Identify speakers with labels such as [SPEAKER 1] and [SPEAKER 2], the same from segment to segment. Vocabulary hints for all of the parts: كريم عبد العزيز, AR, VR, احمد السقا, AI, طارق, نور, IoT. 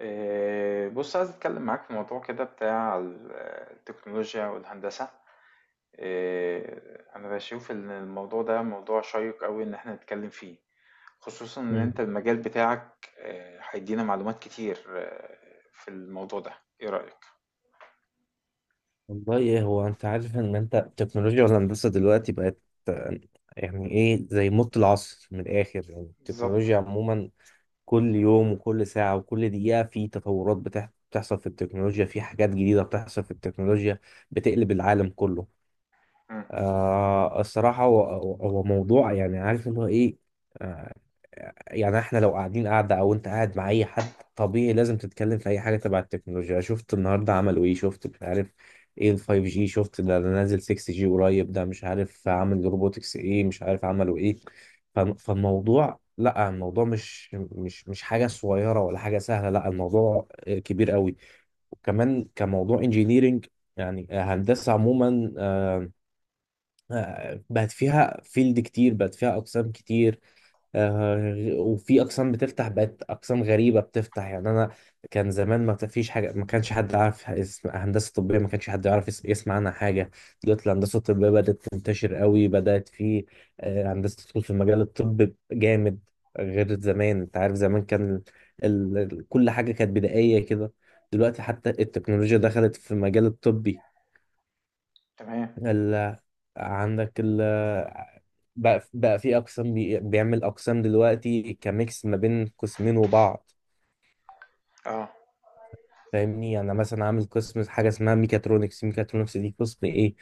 [SPEAKER 1] إيه، بص عايز اتكلم معاك في موضوع كده بتاع التكنولوجيا والهندسة. إيه، انا بشوف ان الموضوع ده موضوع شيق قوي ان احنا نتكلم فيه. خصوصا ان
[SPEAKER 2] مم.
[SPEAKER 1] انت المجال بتاعك إيه، هيدينا معلومات كتير إيه، في الموضوع ده ايه رأيك؟
[SPEAKER 2] والله ايه هو انت عارف ان انت التكنولوجيا والهندسه دلوقتي بقت آه، يعني ايه زي موت العصر من الاخر يعني
[SPEAKER 1] بالظبط.
[SPEAKER 2] التكنولوجيا عموما كل يوم وكل ساعه وكل دقيقه في تطورات بتحصل في التكنولوجيا في حاجات جديده بتحصل في التكنولوجيا بتقلب العالم كله.
[SPEAKER 1] مم،
[SPEAKER 2] الصراحه هو موضوع يعني عارف اللي هو ايه. آه، يعني احنا لو قاعدة او انت قاعد مع اي حد طبيعي لازم تتكلم في اي حاجة تبع التكنولوجيا، شفت النهاردة عملوا ايه، شفت مش عارف ايه ال 5G، شفت ده نازل 6G قريب، ده مش عارف عامل روبوتكس ايه، مش عارف عملوا ايه. فالموضوع لا الموضوع مش حاجة صغيرة ولا حاجة سهلة، لا الموضوع كبير قوي. وكمان كموضوع انجينيرينج، يعني هندسة عموما بقت فيها فيلد كتير، بقت فيها أقسام كتير. آه، وفي اقسام بتفتح، بقت اقسام غريبه بتفتح. يعني انا كان زمان ما فيش حاجه، ما كانش حد عارف اسم هندسه طبيه، ما كانش حد يعرف يسمع عنها حاجه. دلوقتي الهندسه الطبيه بدات تنتشر قوي، بدات في هندسه تدخل في مجال الطب جامد، غير زمان. انت عارف زمان كان كل حاجه كانت بدائيه كده، دلوقتي حتى التكنولوجيا دخلت في مجال الطبي.
[SPEAKER 1] تمام.
[SPEAKER 2] ال... عندك ال... بقى في اقسام بيعمل اقسام دلوقتي كميكس ما بين قسمين وبعض.
[SPEAKER 1] اه
[SPEAKER 2] فاهمني، يعني أنا مثلا عامل قسم حاجه اسمها ميكاترونكس، ميكاترونكس دي قسم ايه؟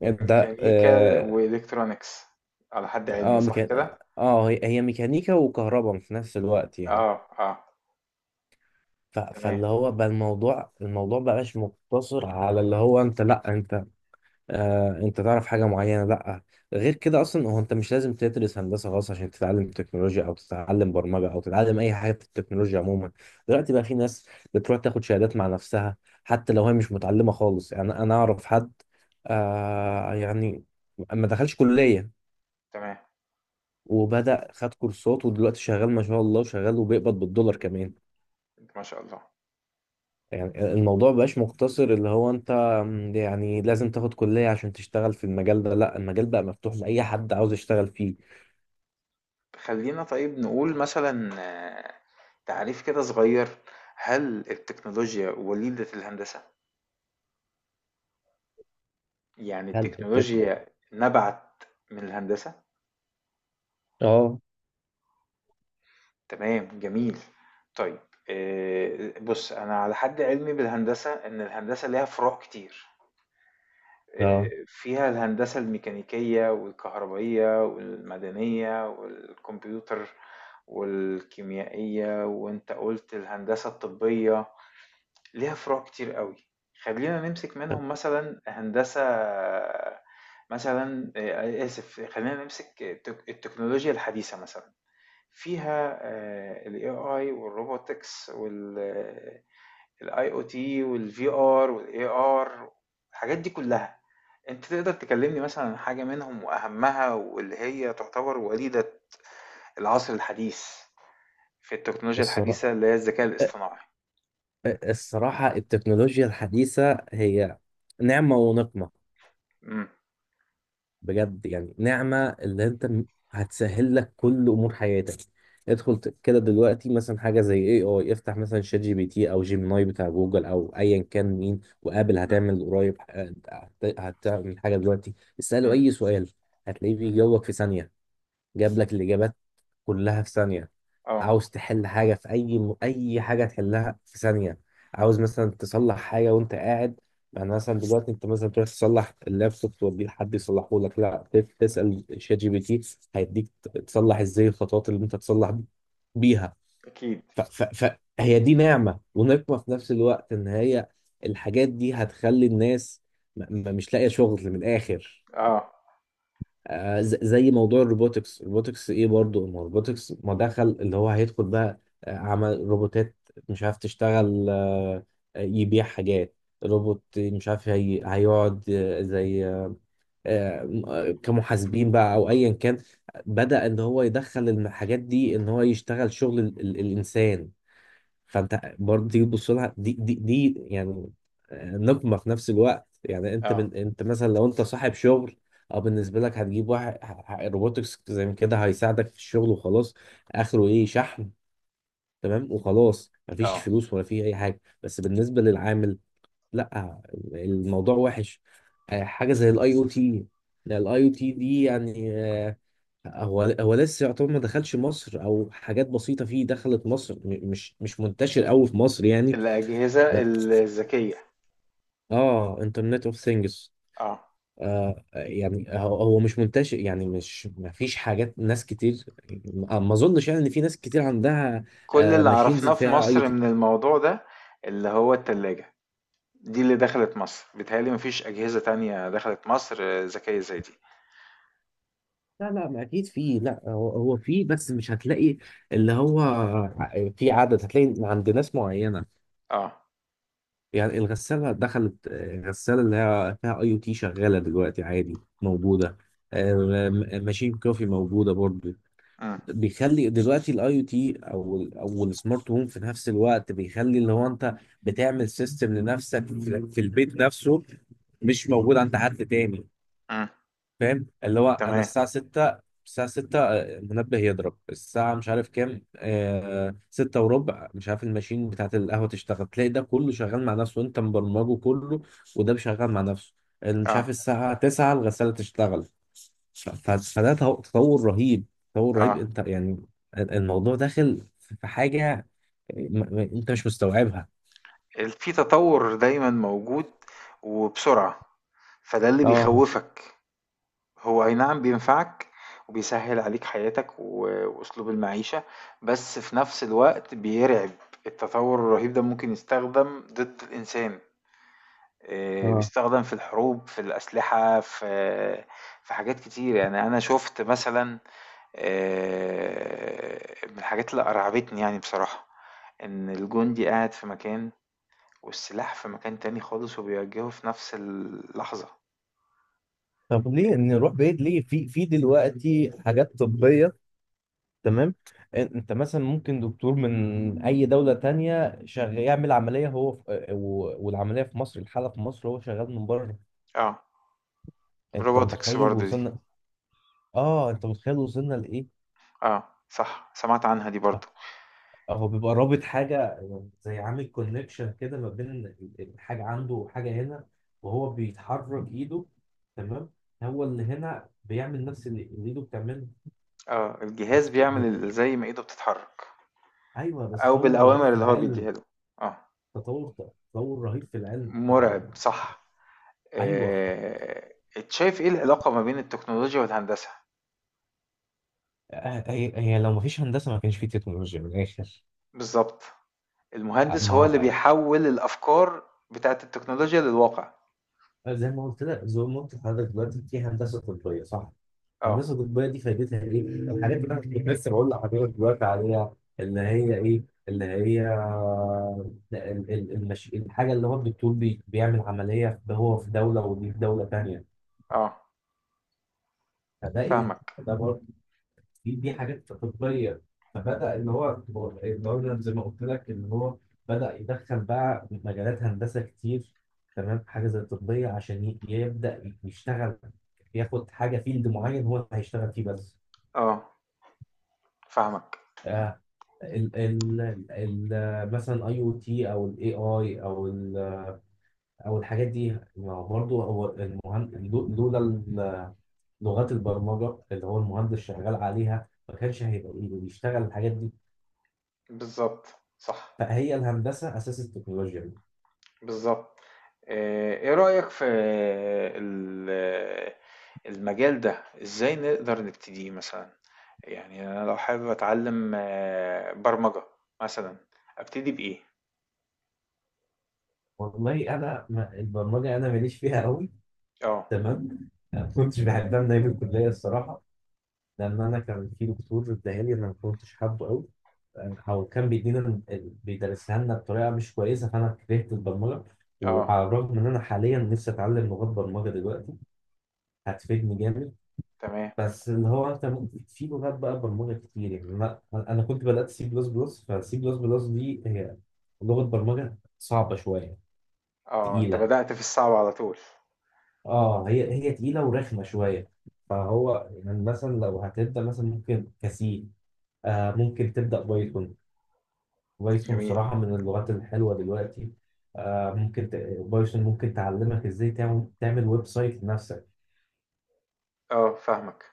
[SPEAKER 2] ده
[SPEAKER 1] ميكانيكا
[SPEAKER 2] اه،
[SPEAKER 1] والكترونيكس، على حد علمي
[SPEAKER 2] اه،
[SPEAKER 1] صح كده.
[SPEAKER 2] هي ميكانيكا وكهرباء في نفس الوقت يعني.
[SPEAKER 1] اه، اه. تمام.
[SPEAKER 2] فاللي هو بقى الموضوع بقاش مقتصر على اللي هو انت، لا انت انت تعرف حاجه معينه، لا. غير كده اصلا هو انت مش لازم تدرس هندسه خالص عشان تتعلم تكنولوجيا او تتعلم برمجه او تتعلم اي حاجه في التكنولوجيا عموما. دلوقتي بقى في ناس بتروح تاخد شهادات مع نفسها حتى لو هي مش متعلمه خالص. يعني انا اعرف حد، آه يعني ما دخلش كليه
[SPEAKER 1] تمام.
[SPEAKER 2] وبدأ خد كورسات ودلوقتي شغال ما شاء الله، وشغال وبيقبض بالدولار كمان.
[SPEAKER 1] ما شاء الله.
[SPEAKER 2] يعني الموضوع مبقاش مقتصر اللي هو انت، يعني لازم تاخد كلية عشان تشتغل في المجال ده، لا، المجال بقى مفتوح لأي حد عاوز يشتغل فيه.
[SPEAKER 1] خلّينا طيب نقول مثلًا تعريف كده صغير، هل التكنولوجيا وليدة الهندسة؟ يعني
[SPEAKER 2] هل التك...
[SPEAKER 1] التكنولوجيا نبعت من الهندسة؟
[SPEAKER 2] اه.
[SPEAKER 1] تمام، جميل. طيب بُص أنا على حد علمي بالهندسة إن الهندسة ليها فروع كتير،
[SPEAKER 2] اه.
[SPEAKER 1] فيها الهندسة الميكانيكية والكهربائية والمدنية والكمبيوتر والكيميائية وأنت قُلت الهندسة الطبية. ليها فروع كتير قوي. خلينا نمسك منهم مثلا هندسة، مثلا آسف، خلينا نمسك التكنولوجيا الحديثة مثلا، فيها ال AI والروبوتكس وال IoT وال VR وال AR، الحاجات دي كلها. انت تقدر تكلمني مثلا عن حاجة منهم وأهمها واللي هي تعتبر وليدة العصر الحديث في التكنولوجيا الحديثة
[SPEAKER 2] الصراحة،
[SPEAKER 1] اللي هي الذكاء الاصطناعي؟
[SPEAKER 2] الصراحة التكنولوجيا الحديثة هي نعمة ونقمة
[SPEAKER 1] امم.
[SPEAKER 2] بجد. يعني نعمة، اللي انت هتسهل لك كل امور حياتك. كده دلوقتي مثلا حاجة زي اي اي افتح مثلا شات جي بي تي او جيميناي بتاع جوجل او ايا كان مين وقابل،
[SPEAKER 1] امم.
[SPEAKER 2] هتعمل قريب هتعمل حاجة دلوقتي. اسأله
[SPEAKER 1] امم.
[SPEAKER 2] اي سؤال، هتلاقيه بيجاوبك في ثانية، جاب لك الإجابات كلها في ثانية.
[SPEAKER 1] اه.
[SPEAKER 2] عاوز تحل حاجة في أي حاجة تحلها في ثانية. عاوز مثلا تصلح حاجة وأنت قاعد، يعني مثلا دلوقتي أنت مثلا تروح تصلح اللابتوب توديه لحد يصلحه لك، لا تسأل شات جي بي تي، هيديك تصلح إزاي، الخطوات اللي أنت تصلح بيها.
[SPEAKER 1] اكيد.
[SPEAKER 2] ف... ف... فهي دي نعمة ونقمة في نفس الوقت، إن هي الحاجات دي هتخلي الناس م... مش لاقية شغل من الآخر.
[SPEAKER 1] اه.
[SPEAKER 2] زي موضوع الروبوتكس، الروبوتكس ايه برضو، ما الروبوتكس ما دخل اللي هو هيدخل بقى، عمل روبوتات مش عارف تشتغل، يبيع حاجات، روبوت مش عارف، هيقعد آه، زي آه، آه، كمحاسبين بقى او ايا كان. بدأ ان هو يدخل الحاجات دي، ان هو يشتغل شغل الانسان. فانت برضه تيجي تبص لها دي، دي يعني نقمه في نفس الوقت. يعني انت
[SPEAKER 1] اه.
[SPEAKER 2] انت مثلا لو انت صاحب شغل او بالنسبه لك، هتجيب واحد روبوتكس زي ما كده هيساعدك في الشغل وخلاص، اخره ايه؟ شحن، تمام وخلاص، مفيش
[SPEAKER 1] اه.
[SPEAKER 2] فلوس ولا فيه اي حاجه. بس بالنسبه للعامل، لا الموضوع وحش. حاجه زي الاي او تي، الاي او تي دي يعني هو لسه يعتبر ما دخلش مصر، او حاجات بسيطه فيه دخلت مصر، مش منتشر قوي في مصر يعني.
[SPEAKER 1] الأجهزة
[SPEAKER 2] لا،
[SPEAKER 1] الذكية.
[SPEAKER 2] اه، انترنت اوف ثينجز.
[SPEAKER 1] اه.
[SPEAKER 2] يعني هو مش منتشر، يعني مش، ما فيش حاجات، ناس كتير، ما اظنش يعني ان في ناس كتير عندها
[SPEAKER 1] كل اللي
[SPEAKER 2] ماشينز
[SPEAKER 1] عرفناه في
[SPEAKER 2] فيها اي او
[SPEAKER 1] مصر
[SPEAKER 2] تي.
[SPEAKER 1] من الموضوع ده اللي هو التلاجة، دي اللي دخلت مصر، بيتهيألي مفيش أجهزة تانية دخلت مصر ذكية زي دي.
[SPEAKER 2] لا لا، ما اكيد في، لا هو في، بس مش هتلاقي اللي هو في عدد، هتلاقي عند ناس معينة.
[SPEAKER 1] اه.
[SPEAKER 2] يعني الغسالة دخلت، الغسالة اللي هي فيها اي او تي شغالة دلوقتي عادي موجودة. آه، ماشين كوفي موجودة برضه.
[SPEAKER 1] امم.
[SPEAKER 2] بيخلي دلوقتي الاي او تي او او السمارت هوم في نفس الوقت بيخلي اللي هو انت بتعمل سيستم لنفسك في البيت نفسه، مش موجود عند حد تاني.
[SPEAKER 1] امم.
[SPEAKER 2] فاهم؟ اللي هو انا
[SPEAKER 1] تمام.
[SPEAKER 2] الساعه 6، المنبه يضرب الساعه مش عارف كام، آه 6 وربع، مش عارف الماشين بتاعت القهوه تشتغل، تلاقي ده كله شغال مع نفسه وانت مبرمجه كله، وده شغال مع نفسه، مش
[SPEAKER 1] اه.
[SPEAKER 2] عارف الساعه 9 الغساله تشتغل. فده تطور رهيب، تطور رهيب
[SPEAKER 1] اه.
[SPEAKER 2] انت يعني. الموضوع داخل في حاجة انت مش مستوعبها.
[SPEAKER 1] في تطور دايما موجود، وبسرعة، فده اللي
[SPEAKER 2] اه.
[SPEAKER 1] بيخوفك. هو أي نعم بينفعك وبيسهّل عليك حياتك وأسلوب المعيشة، بس في نفس الوقت بيرعب، التطوّر الرهيب ده ممكن يستخدم ضد الإنسان،
[SPEAKER 2] اه.
[SPEAKER 1] بيستخدم في الحروب، في الأسلحة، في حاجات كتير، يعني أنا شُفت مثلًا من الحاجات اللي أرعبتني يعني بصراحة، إن الجندي قاعد في مكان والسلاح في مكان تاني خالص وبيوجّهه في نفس اللحظة.
[SPEAKER 2] طب ليه نروح بعيد، ليه؟ في في دلوقتي حاجات طبية، تمام. انت مثلا ممكن دكتور من اي دولة تانية شغال يعمل عملية، هو في، والعملية في مصر، الحالة في مصر، هو شغال من بره.
[SPEAKER 1] آه
[SPEAKER 2] انت
[SPEAKER 1] الrobotics
[SPEAKER 2] متخيل
[SPEAKER 1] برضه دي.
[SPEAKER 2] وصلنا؟ اه انت متخيل وصلنا لايه؟
[SPEAKER 1] آه، صح، سمعت عنها دي برضه.
[SPEAKER 2] هو بيبقى رابط حاجة، زي عامل كونكشن كده ما بين حاجة عنده وحاجة هنا، وهو بيتحرك ايده، تمام، هو اللي هنا بيعمل نفس اللي ايده بتعمله.
[SPEAKER 1] اه،
[SPEAKER 2] ده
[SPEAKER 1] الجهاز
[SPEAKER 2] تط-
[SPEAKER 1] بيعمل
[SPEAKER 2] ده ده-
[SPEAKER 1] زي ما ايده بتتحرك،
[SPEAKER 2] ايوه بس
[SPEAKER 1] او
[SPEAKER 2] تطور رهيب
[SPEAKER 1] بالاوامر
[SPEAKER 2] في
[SPEAKER 1] اللي هو
[SPEAKER 2] العلم.
[SPEAKER 1] بيديها له. اه.
[SPEAKER 2] تطور، تطور رهيب في العلم. طب ما،
[SPEAKER 1] مرعب، صح.
[SPEAKER 2] ايوه،
[SPEAKER 1] آه، شايف ايه العلاقة ما بين التكنولوجيا والهندسة؟
[SPEAKER 2] هي لو ما فيش هندسة ما كانش في تكنولوجيا من الاخر.
[SPEAKER 1] بالظبط.
[SPEAKER 2] آه،
[SPEAKER 1] المهندس
[SPEAKER 2] ما
[SPEAKER 1] هو اللي
[SPEAKER 2] هو-
[SPEAKER 1] بيحول الافكار بتاعت التكنولوجيا للواقع.
[SPEAKER 2] آه، زي ما قلت لك، زي ما قلت لحضرتك، دلوقتي في هندسة طبية صح؟
[SPEAKER 1] اه.
[SPEAKER 2] الهندسه الطبيه دي فايدتها ايه؟ الحاجات اللي انا كنت لسه بقول لحضرتك دلوقتي عليها اللي هي ايه؟ اللي هي الحاجه اللي هو الدكتور بيعمل عمليه هو في دوله ودي في دوله ثانيه.
[SPEAKER 1] اه،
[SPEAKER 2] فده ايه؟
[SPEAKER 1] فاهمك.
[SPEAKER 2] ده برضه، دي حاجات طبيه. فبدا اللي هو، اللي هو زي ما قلت لك، اللي هو بدا يدخل بقى مجالات هندسه كتير تمام، حاجه زي الطبيه عشان يبدا يشتغل، ياخد حاجه فيلد معين هو اللي هيشتغل فيه بس.
[SPEAKER 1] اه، فاهمك.
[SPEAKER 2] آه، ال ال ال مثلا اي او تي او الاي اي او ال او الحاجات دي، ما هو برضو هو المهندس. لولا ال- لغات البرمجه اللي هو المهندس شغال عليها ما كانش هيبقى إيه بيشتغل الحاجات دي.
[SPEAKER 1] بالظبط. صح.
[SPEAKER 2] فهي الهندسه اساس التكنولوجيا دي.
[SPEAKER 1] بالظبط. ايه رأيك في ال- المجال ده؟ ازاي نقدر نبتديه مثلا؟ يعني انا لو حابب اتعلم برمجة مثلا، ابتدي بإيه؟
[SPEAKER 2] والله انا ما، البرمجه انا ماليش فيها قوي،
[SPEAKER 1] اه.
[SPEAKER 2] تمام، ما كنتش بحبها من ايام الكليه الصراحه، لان انا كان في دكتور اداها لي انا ما كنتش حابه قوي، او كان بيدينا بيدرسها لنا بطريقه مش كويسه، فانا كرهت البرمجه.
[SPEAKER 1] اه.
[SPEAKER 2] وعلى الرغم ان انا حاليا نفسي اتعلم لغات برمجه دلوقتي، هتفيدني جامد.
[SPEAKER 1] تمام.
[SPEAKER 2] بس اللي هو انت ممكن في لغات بقى برمجه كتير. يعني انا كنت بدات سي بلس بلس، فسي بلس بلس دي هي لغه برمجه صعبه شويه،
[SPEAKER 1] اه، انت
[SPEAKER 2] تقيله.
[SPEAKER 1] بدأت في الصعب على طول.
[SPEAKER 2] اه هي تقيله ورخمه شويه. فهو يعني مثلا لو هتبدا مثلا ممكن كسي، ممكن تبدا بايثون. بايثون
[SPEAKER 1] جميل.
[SPEAKER 2] صراحة من اللغات الحلوة دلوقتي. آه ممكن ت... بايثون ممكن تعلمك ازاي تعمل ويب سايت لنفسك.
[SPEAKER 1] اه، فاهمك.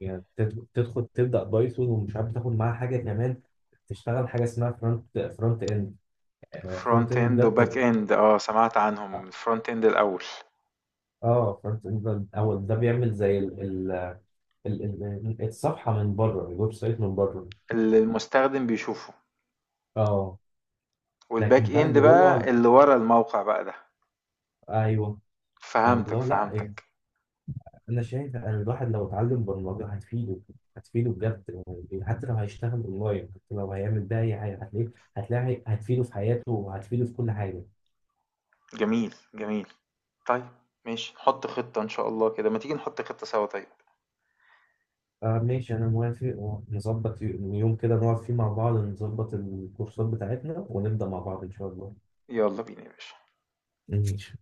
[SPEAKER 2] يعني تدخل تبدأ بايثون ومش عارف تاخد معاها حاجة كمان، تشتغل حاجة اسمها فرونت اند. فرونت
[SPEAKER 1] فرونت
[SPEAKER 2] اند
[SPEAKER 1] اند
[SPEAKER 2] ده
[SPEAKER 1] وباك
[SPEAKER 2] بتبقى،
[SPEAKER 1] اند، اه سمعت عنهم، الفرونت اند الاول.
[SPEAKER 2] اه فرونت اند ده اول، ده بيعمل زي ال... الصفحة من بره، الويب سايت من بره.
[SPEAKER 1] اللي المستخدم بيشوفه.
[SPEAKER 2] اه.
[SPEAKER 1] والباك
[SPEAKER 2] لكن بقى
[SPEAKER 1] اند
[SPEAKER 2] اللي
[SPEAKER 1] بقى
[SPEAKER 2] جوه،
[SPEAKER 1] اللي ورا الموقع بقى ده.
[SPEAKER 2] ايوه. فاللي
[SPEAKER 1] فهمتك،
[SPEAKER 2] هو لا يعني،
[SPEAKER 1] فهمتك.
[SPEAKER 2] انا شايف ان الواحد لو اتعلم برمجه هتفيده، هتفيده بجد. يعني حتى لو هيشتغل اونلاين، حتى لو هيعمل بقى اي حاجه، هتلاقيه، هتلاقي، هتفيده في حياته وهتفيده في كل حاجه.
[SPEAKER 1] جميل، جميل. طيب، ماشي، نحط خطة إن شاء الله كده، ما تيجي نحط خطة سوا طيب.
[SPEAKER 2] ماشي انا موافق، ونظبط يوم كده نقعد فيه مع بعض، نظبط الكورسات بتاعتنا ونبدا مع بعض ان شاء الله.
[SPEAKER 1] يلا بينا يا باشا.
[SPEAKER 2] ماشي.